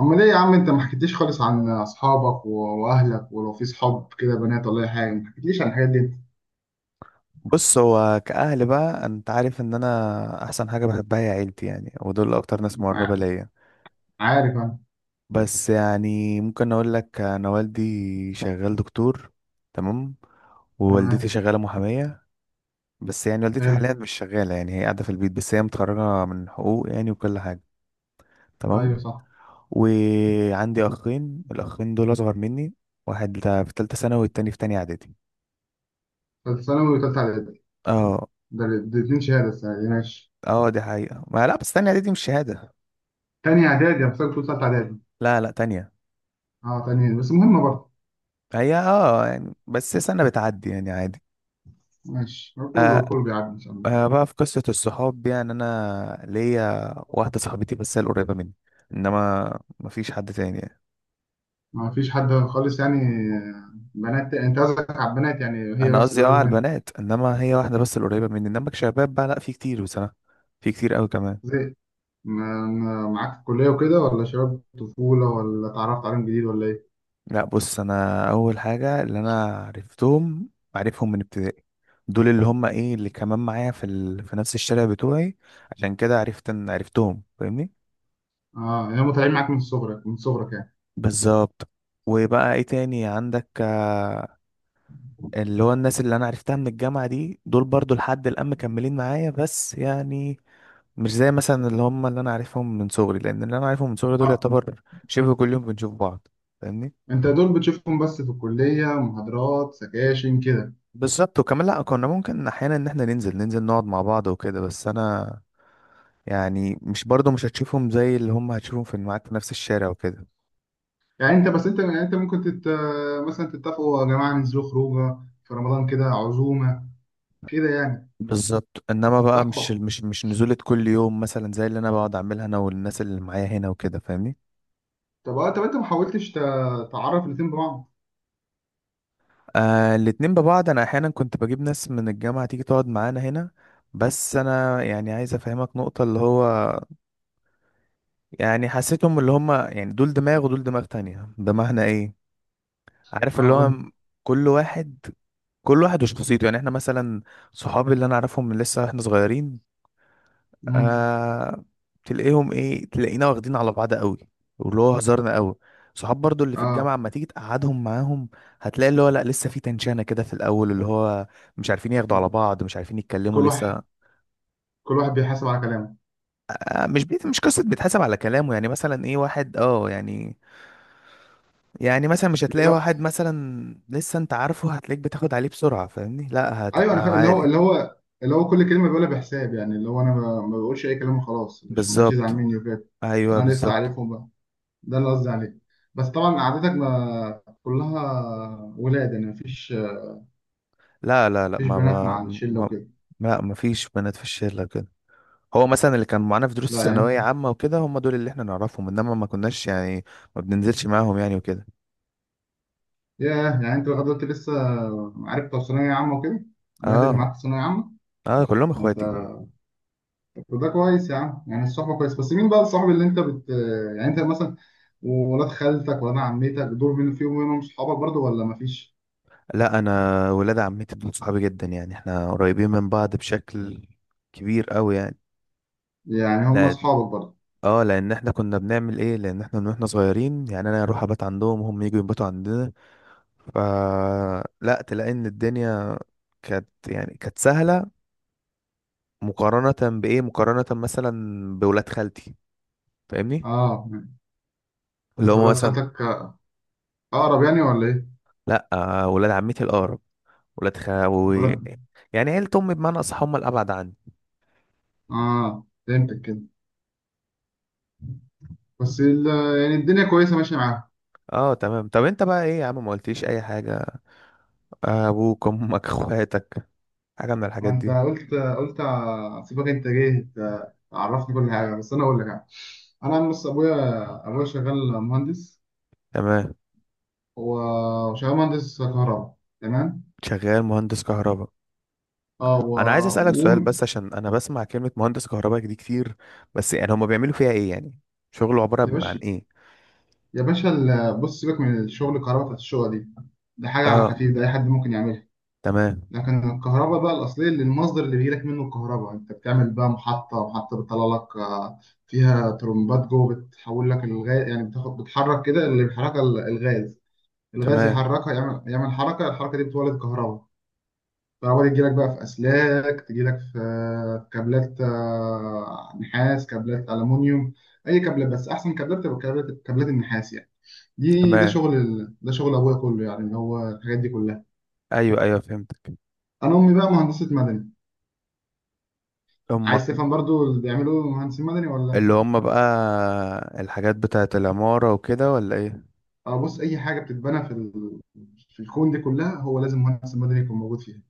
امال ايه يا عم انت ما حكيتليش خالص عن اصحابك واهلك، ولو في صحاب كده بنات ولا اي حاجه. ما حكيتليش عن الحاجات دي انت. بص، هو كأهل بقى انت عارف ان انا احسن حاجة بحبها هي عيلتي، يعني ودول اكتر ناس مقربة ما- ليا. عارف انا. بس يعني ممكن اقول لك، انا والدي شغال دكتور. تمام. ووالدتي تمام. شغالة محامية. بس يعني والدتي حلو. حاليا مش شغالة، يعني هي قاعدة في البيت، بس هي متخرجة من حقوق يعني، وكل حاجة. تمام. ايوه صح. وعندي اخين، الاخين دول اصغر مني. واحد في تالتة ثانوي، والتاني في تانية اعدادي. ثالثه ثانوي وثالثه اعدادي. اه. ده الاثنين شهاده السنه دي، ماشي. اه، دي حقيقة ما لا، بس تانية اعدادي مش شهادة. تاني اعدادي؟ انا فاكر كنت ثالثه اعدادي. لا، لا، تانية. اه تاني، بس مهمه برضه. هي يعني بس سنة بتعدي يعني عادي. ماشي، هو كله آه. كله بيعدي ان شاء الله. آه، بقى في قصة الصحاب، يعني أنا ليا واحدة صاحبتي بس هي القريبة مني، إنما مفيش حد تاني يعني. ما فيش حد خالص يعني؟ آه، بنات انت قصدك، على البنات، يعني هي أنا بس قصدي اللي قريبه على منك؟ البنات، إنما هي واحدة بس القريبة مني، إنما كشباب بقى لأ في كتير بصراحة. في كتير أوي كمان. زي معاك في الكليه وكده، ولا شباب طفوله، ولا اتعرفت عليهم جديد، ولا ايه؟ لأ، بص، أنا أول حاجة اللي أنا عارفهم من ابتدائي. دول اللي هم إيه اللي كمان معايا في نفس الشارع بتوعي. عشان كده عرفت إن عرفتهم، فاهمني؟ اه يعني هم طالعين معاك من صغرك يعني. بالظبط. وبقى ايه تاني عندك؟ اللي هو الناس اللي انا عرفتها من الجامعة دي، دول برضو لحد الآن مكملين معايا، بس يعني مش زي مثلا اللي هم اللي انا عارفهم من صغري، لان اللي انا عارفهم من صغري دول اه يعتبر شبه كل يوم بنشوف بعض. فاهمني؟ انت دول بتشوفهم بس في الكليه، محاضرات سكاشن كده. بالظبط. وكمان لا كنا ممكن احيانا ان احنا ننزل نقعد مع بعض وكده، بس انا يعني مش برضو مش هتشوفهم زي اللي هم هتشوفهم في معاك في نفس الشارع وكده. يعني انت يعني انت ممكن مثلا تتفقوا: "أه يا جماعه ننزلوا خروجه، في رمضان كده عزومه كده يعني". بالظبط، انما بقى صحبه. مش نزولة كل يوم مثلا زي اللي انا بقعد اعملها انا والناس اللي معايا هنا وكده، فاهمني؟ طب اه، طب انت ما حاولتش تعرف الاتنين ببعض؟ آه، الاتنين ببعض، انا احيانا كنت بجيب ناس من الجامعة تيجي تقعد معانا هنا. بس انا يعني عايز افهمك نقطة اللي هو يعني حسيتهم اللي هم يعني دول دماغ ودول دماغ تانية، دماغنا ايه؟ عارف اللي اه قول هو لي. كل واحد كل واحد وشخصيته. يعني احنا مثلا، صحابي اللي انا اعرفهم من لسه احنا صغيرين، مم. آه، تلاقيهم ايه تلاقينا واخدين على بعض قوي، واللي هو هزارنا قوي. صحاب برضو اللي في الجامعة اه اما تيجي تقعدهم معاهم، هتلاقي اللي هو لا لسه في تنشانة كده في الأول، اللي هو مش عارفين ياخدوا على بعض، مش عارفين يتكلموا كل واحد، لسه. كل واحد بيحاسب على كلامه. آه، مش قصة بيتحسب على كلامه، يعني مثلا ايه واحد يعني، يعني مثلا مش هتلاقي اللي هو- واحد مثلا لسه انت عارفه هتلاقيك بتاخد عليه بسرعة، فاهمني؟ لا ايوه انا هتبقى فاهم، اللي هو عادي. اللي هو كل كلمه بيقولها بحساب، يعني اللي هو انا ما بقولش اي كلام وخلاص عشان ما حدش يزعل بالظبط. مني وكده. عشان ايوه، انا لسه بالظبط. عارفهم، ده اللي قصدي عليه. بس طبعا قعدتك ما كلها ولاد يعني؟ مفيش لا، لا، لا، مفيش بنات ما مع الشله ما- وكده؟ لا ما فيش بنات في الشلة كده. هو مثلا اللي كان معانا في لا دروس ثانوية يعني. عامة وكده هم دول اللي احنا نعرفهم، انما ما كناش يعني ما بننزلش معاهم يعني وكده. ياه، يعني انت لغايه دلوقتي لسه عارف بتوع ثانويه عامه وكده؟ البنات اللي اه. معاك في ثانويه عامه؟ اه، كلهم ده انت! اخواتي. طب ده كويس يا عم، يعني الصحبه كويس. بس مين بقى الصاحب اللي انت بت، يعني انت مثلا؟ وولاد خالتك ولاد عمتك دول، مين فيهم منهم صحابك برضو ولا مفيش؟ لا، انا ولاد عمتي دول صحابي جدا، يعني احنا قريبين من بعض بشكل كبير قوي يعني. يعني هم لا. صحابك برضو؟ اه، لان احنا كنا بنعمل ايه، لان احنا من واحنا صغيرين يعني انا اروح ابات عندهم وهم يجوا يباتوا عندنا. ف لا تلاقي ان الدنيا كانت سهلة، مقارنة مثلا بولاد خالتي، فاهمني؟ اه يعني اللي انت هم ولاد مثلا، خالتك اقرب يعني ولا ايه؟ لا، آه، ولاد عمتي الأقرب. ولاد خاوي، ولاد. يعني عيلة أمي بمعنى أصح هم الأبعد عني. اه فهمتك كده. بس ال... يعني الدنيا كويسه ماشيه معاها. اه تمام. طب انت بقى ايه يا عم، ما قلتليش اي حاجة، ابوك، امك، اخواتك، حاجة من الحاجات وانت دي. قلت سيبك، انت جاي تعرفني كل حاجه، بس انا اقول لك يعني. انا بص، ابويا، ابويا شغال مهندس. تمام. هو شغال مهندس كهرباء، تمام. شغال مهندس كهرباء. اه انا عايز اسألك و... سؤال، بس عشان انا بسمع كلمة مهندس كهرباء دي كتير. بس يعني هما بيعملوا فيها ايه يعني؟ شغله عبارة يا بيبقى عن باشا، ايه؟ يا باشا بص، سيبك من الشغل الكهرباء بتاعت الشقه دي، ده حاجه اه على خفيف، ده اي حد ممكن يعملها. تمام. لكن الكهرباء بقى الأصلية، اللي المصدر اللي بيجيلك منه الكهرباء، أنت بتعمل بقى محطة، محطة بتطلع لك فيها ترمبات جوه بتحول لك الغاز، يعني بتاخد بتحرك كده، اللي بيحركها الغاز. الغاز تمام. يحركها، يعمل حركة، الحركة دي بتولد كهرباء. الكهرباء دي تجيلك بقى في أسلاك، تجيلك في كابلات، نحاس، كابلات ألمونيوم، أي كابلات. بس أحسن كابلات تبقى كابلات، كابلات النحاس يعني. دي ده تمام. شغل ده شغل أبويا كله يعني، هو الحاجات دي كلها. ايوه، ايوه، فهمتك. أنا أمي بقى مهندسة مدني. امك. عايز تفهم برضو اللي بيعمله مهندس مدني ولا؟ اللي هم بقى الحاجات بتاعت العمارة وكده ولا ايه؟ اه بص، اي حاجه بتتبنى في في الكون دي كلها، هو لازم مهندس مدني يكون موجود فيها.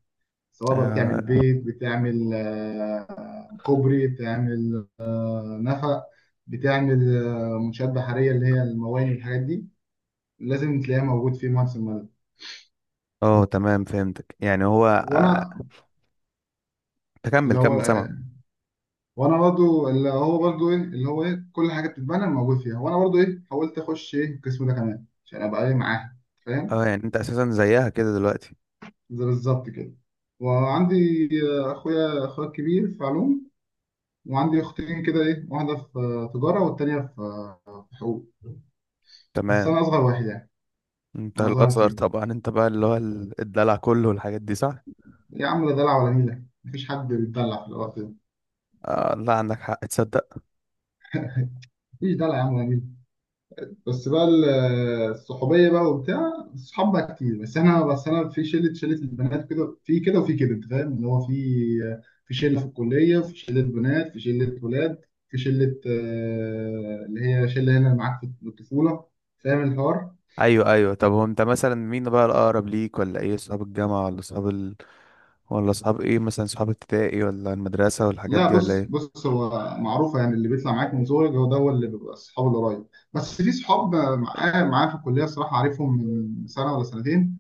سواء بقى بتعمل آه. بيت، بتعمل كوبري، بتعمل نفق، بتعمل منشآت بحريه اللي هي المواني والحاجات دي، لازم تلاقيها موجود في مهندس المدني. اه، تمام، فهمتك يعني هو، وانا آه، اللي هو كمل، سمع. وانا برضو اللي هو برضو ايه، اللي هو ايه كل حاجه بتتبنى موجود فيها، وانا برضو ايه حاولت اخش ايه القسم ده كمان عشان ابقى ايه معاها فاهم. اه، يعني انت اساسا زيها كده دلوقتي. زي بالظبط كده. وعندي اخويا، اخويا الكبير في علوم. وعندي اختين كده ايه، واحده في تجاره والتانيه في في حقوق. بس تمام. انا اصغر واحد يعني. انت انا اصغر واحد الاصغر فيهم. طبعا، انت بقى اللي هو الدلع كله والحاجات دي، صح؟ يا عم لا دلع ولا نيله، مفيش حد بيتدلع في الوقت ده. آه لا، عندك حق، تصدق. مفيش دلع يا عم ولا نيله. بس بقى الصحوبيه بقى وبتاع الصحاب بقى كتير. بس احنا، بس انا في شله، شله البنات كده، في كده وفي كده، انت فاهم اللي هو، في في شله في الكليه، في شله بنات، في شله ولاد، في شله اللي هي شله هنا معاك في الطفوله. فاهم الحوار. ايوه، ايوه، طب هو انت مثلا مين بقى الاقرب ليك، ولا ايه اصحاب الجامعه ولا ولا اصحاب ايه، مثلا اصحاب ابتدائي ولا المدرسه والحاجات لا دي ولا بص ايه؟ بص، هو معروفه يعني اللي بيطلع معاك من صغرك، هو ده هو اللي بيبقى الصحاب القريب. بس في صحاب معايا، معايا في الكليه الصراحه عارفهم من سنه ولا سنتين،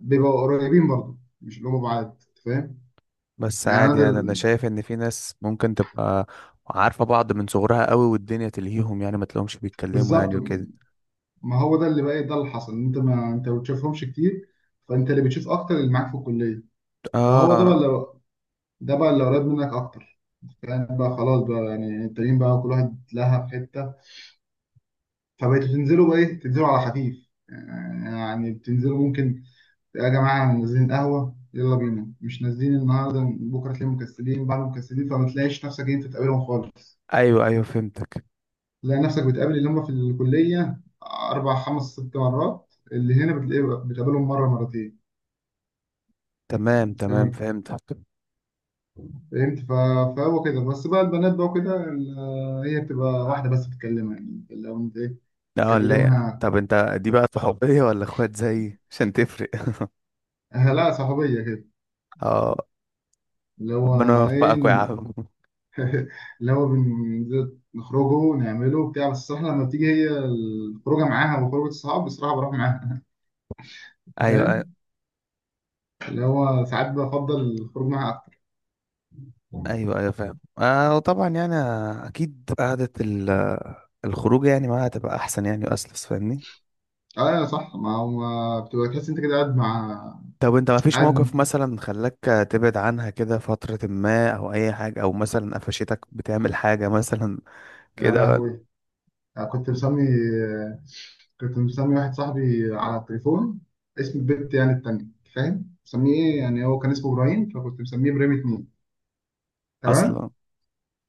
بيبقوا قريبين برضه، مش اللي هم بعاد، أنت فاهم. بس يعني انا عادي، ده يعني انا شايف ان في ناس ممكن تبقى عارفه بعض من صغرها قوي والدنيا تلهيهم، يعني ما تلاقيهمش بيتكلموا بالظبط. يعني وكده. ما هو ده اللي بقى ده اللي حصل، ان انت ما انت ما بتشوفهمش كتير، فانت اللي بتشوف اكتر اللي معاك في الكليه. فهو ده اه. بقى اللي، ده بقى اللي قريب منك اكتر. يعني بقى خلاص بقى، يعني التانيين بقى كل واحد لها في حته، فبقيتوا تنزلوا بقى ايه، تنزلوا على خفيف. يعني بتنزلوا ممكن، يا جماعه نازلين قهوه يلا بينا، مش نازلين النهارده، بكره تلاقيهم مكسلين، بعد مكسلين، فما تلاقيش نفسك إن انت تقابلهم خالص. ايوه، ايوه، فهمتك. تلاقي نفسك بتقابل اللي هم في الكلية أربع خمس ست مرات، اللي هنا بتلاقيه بتقابلهم مرة مرتين. تمام، تمام، فاهم. فهمتك. فهمت فهو كده بس. بقى البنات بقى وكده هي بتبقى واحدة بس بتكلمها يعني، لو أنت إيه، لا، ولا بتكلمها. طب انت، دي بقى صحوبية ولا اخوات زيي، عشان تفرق؟ لا صحوبية كده. اه. اللي هو ربنا إيه يوفقك يا ن- عم. اللي هو نخرجوا نعمله بتاع. بس الصراحة لما بتيجي هي الخروجة معاها وخروجة الصحاب، بصراحة بروح معاها. أنت ايوه، ايوه، فاهم. اللي هو ساعات بفضل الخروج معاها أكتر. ايوه، أيوة، فاهم. آه، وطبعا يعني اكيد قعدة الخروج يعني معاها تبقى احسن يعني واسلس، فاهمني؟ اه صح، ما هو ما بتبقى تحس انت كده قاعد مع طب انت ما فيش موقف قاعد. مثلا خلاك تبعد عنها كده فترة ما، او اي حاجة، او مثلا قفشتك بتعمل حاجة مثلا يا كده؟ لهوي! كنت مسمي كنت مسمي واحد صاحبي على التليفون اسم البت يعني التانية، فاهم؟ مسميه ايه، يعني هو كان اسمه ابراهيم، فكنت مسميه ابراهيم اتنين. تمام. اصلا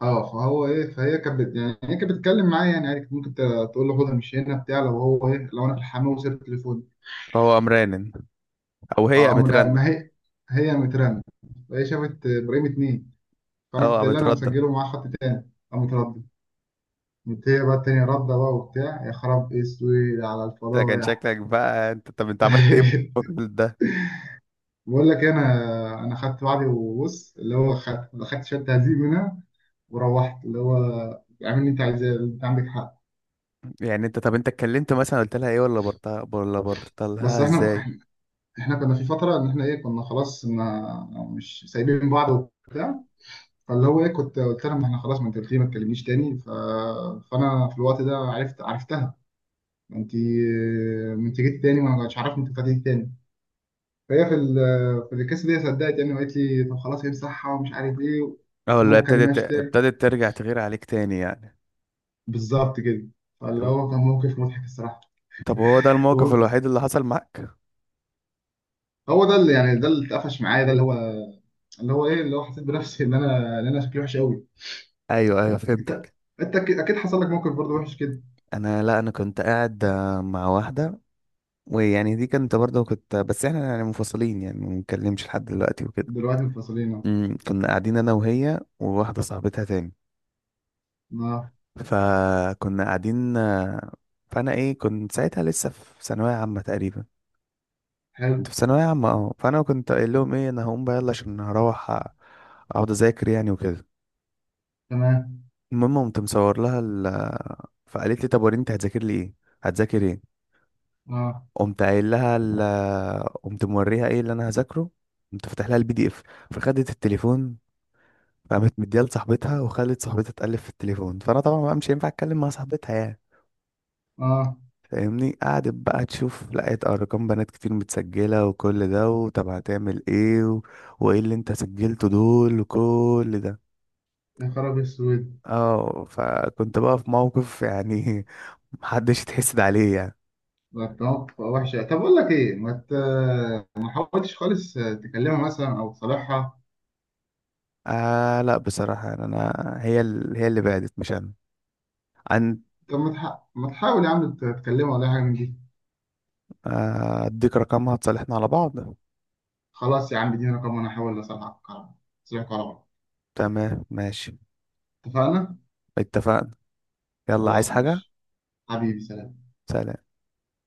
اه، فهو ايه، يعني هي كانت بتتكلم معايا يعني عادي، كنت ممكن تقول له خدها، مش هنا بتاع. لو هو ايه، لو انا في الحمام وسبت التليفون، فهو قام رنن، او هي اه قامت لا، رنة. ما هي، هي مترن، فهي شافت ابراهيم اتنين. فانا اه كنت قايل لها قامت انا ردة. مسجله معاه خط تاني قام متردد. قمت هي بقى التانية ردة بقى وبتاع، يا خراب اسود على ده كان الفضايح! شكلك بقى انت. طب انت عملت ايه في الوقت ده؟ بقول لك إيه، انا خدت بعضي، وبص اللي هو خدت شويه تهذيب منها، وروحت اللي هو اعمل اللي انت عايزاه، انت عندك حق. يعني انت، طب انت اتكلمت مثلا قلت لها ايه، ولا برطها ولا بس برطلها احنا، ازاي؟ احنا كنا في فتره ان احنا ايه كنا خلاص ما، مش سايبين بعض. فاللي هو ايه كنت قلت لها ما احنا خلاص، ما انت قلت لي ما تكلمنيش تاني، فانا في الوقت ده عرفت عرفتها، ما انت، ما انت جيت تاني وانا مش عارف انت فاتت تاني. فهي في في الكيس دي صدقت يعني، وقالت لي طب خلاص امسحها ومش عارف ايه اه ان هو ولا ما اتكلمهاش تاني. ابتدت ترجع تغير عليك تاني يعني؟ بالظبط كده. فاللي طب هو كان موقف مضحك الصراحه. طب هو ده الموقف و- الوحيد اللي حصل معاك؟ هو ده اللي يعني، ده اللي اتقفش معايا، ده اللي هو، اللي هو ايه اللي هو حسيت بنفسي ان انا، ان انا شكلي وحش قوي. ايوه، ايوه، انت، فهمتك. انت أكيد حصل لك موقف برضه وحش كده. انا لا، انا كنت قاعد، مع واحده، ويعني دي كنت برضه كنت بس احنا يعني منفصلين، يعني ما بنتكلمش لحد دلوقتي وكده. دلوقتي منفصلين اهو. كنا قاعدين انا وهي وواحده صاحبتها تاني. اه. فكنا قاعدين، فانا ايه كنت ساعتها لسه في ثانويه عامه تقريبا. كنت حلو. في ثانويه عامه، فانا كنت قايل لهم ايه، انا هقوم بقى يلا عشان هروح اقعد اذاكر يعني وكده. تمام. المهم قمت مصور لها فقالت لي طب وريني انت هتذاكر لي ايه، هتذاكر ايه. اه. قمت قايل لها قمت موريها ايه اللي انا هذاكره. قمت فاتح لها الـPDF. فخدت التليفون، فقامت مديها لصاحبتها وخلت صاحبتها تقلب في التليفون. فانا طبعا بقى مش هينفع اتكلم مع صاحبتها يعني، اه. فاهمني؟ قعدت بقى تشوف، لقيت ارقام بنات كتير متسجله وكل ده، وطب هتعمل ايه و... وايه اللي انت سجلته دول وكل ده. يا خراب اسود! اه فكنت بقى في موقف يعني محدش يتحسد عليه يعني. ده أنت موقف وحش! طب اقول لك ايه، ما ما حاولتش خالص تكلمها مثلا او تصالحها؟ آه لا، بصراحه يعني انا، هي اللي بعدت مش انا عن. طب ما ما تحاول يا عم تكلمه ولا حاجه من دي؟ اديك رقمها تصالحنا على بعض. خلاص يا عم اديني رقم وانا هحاول اصلحك على بعض. تمام، ماشي. اتفقنا. اتفقنا. يلا، عايز خلاص حاجه؟ ماشي. حبيبي سلام. سلام.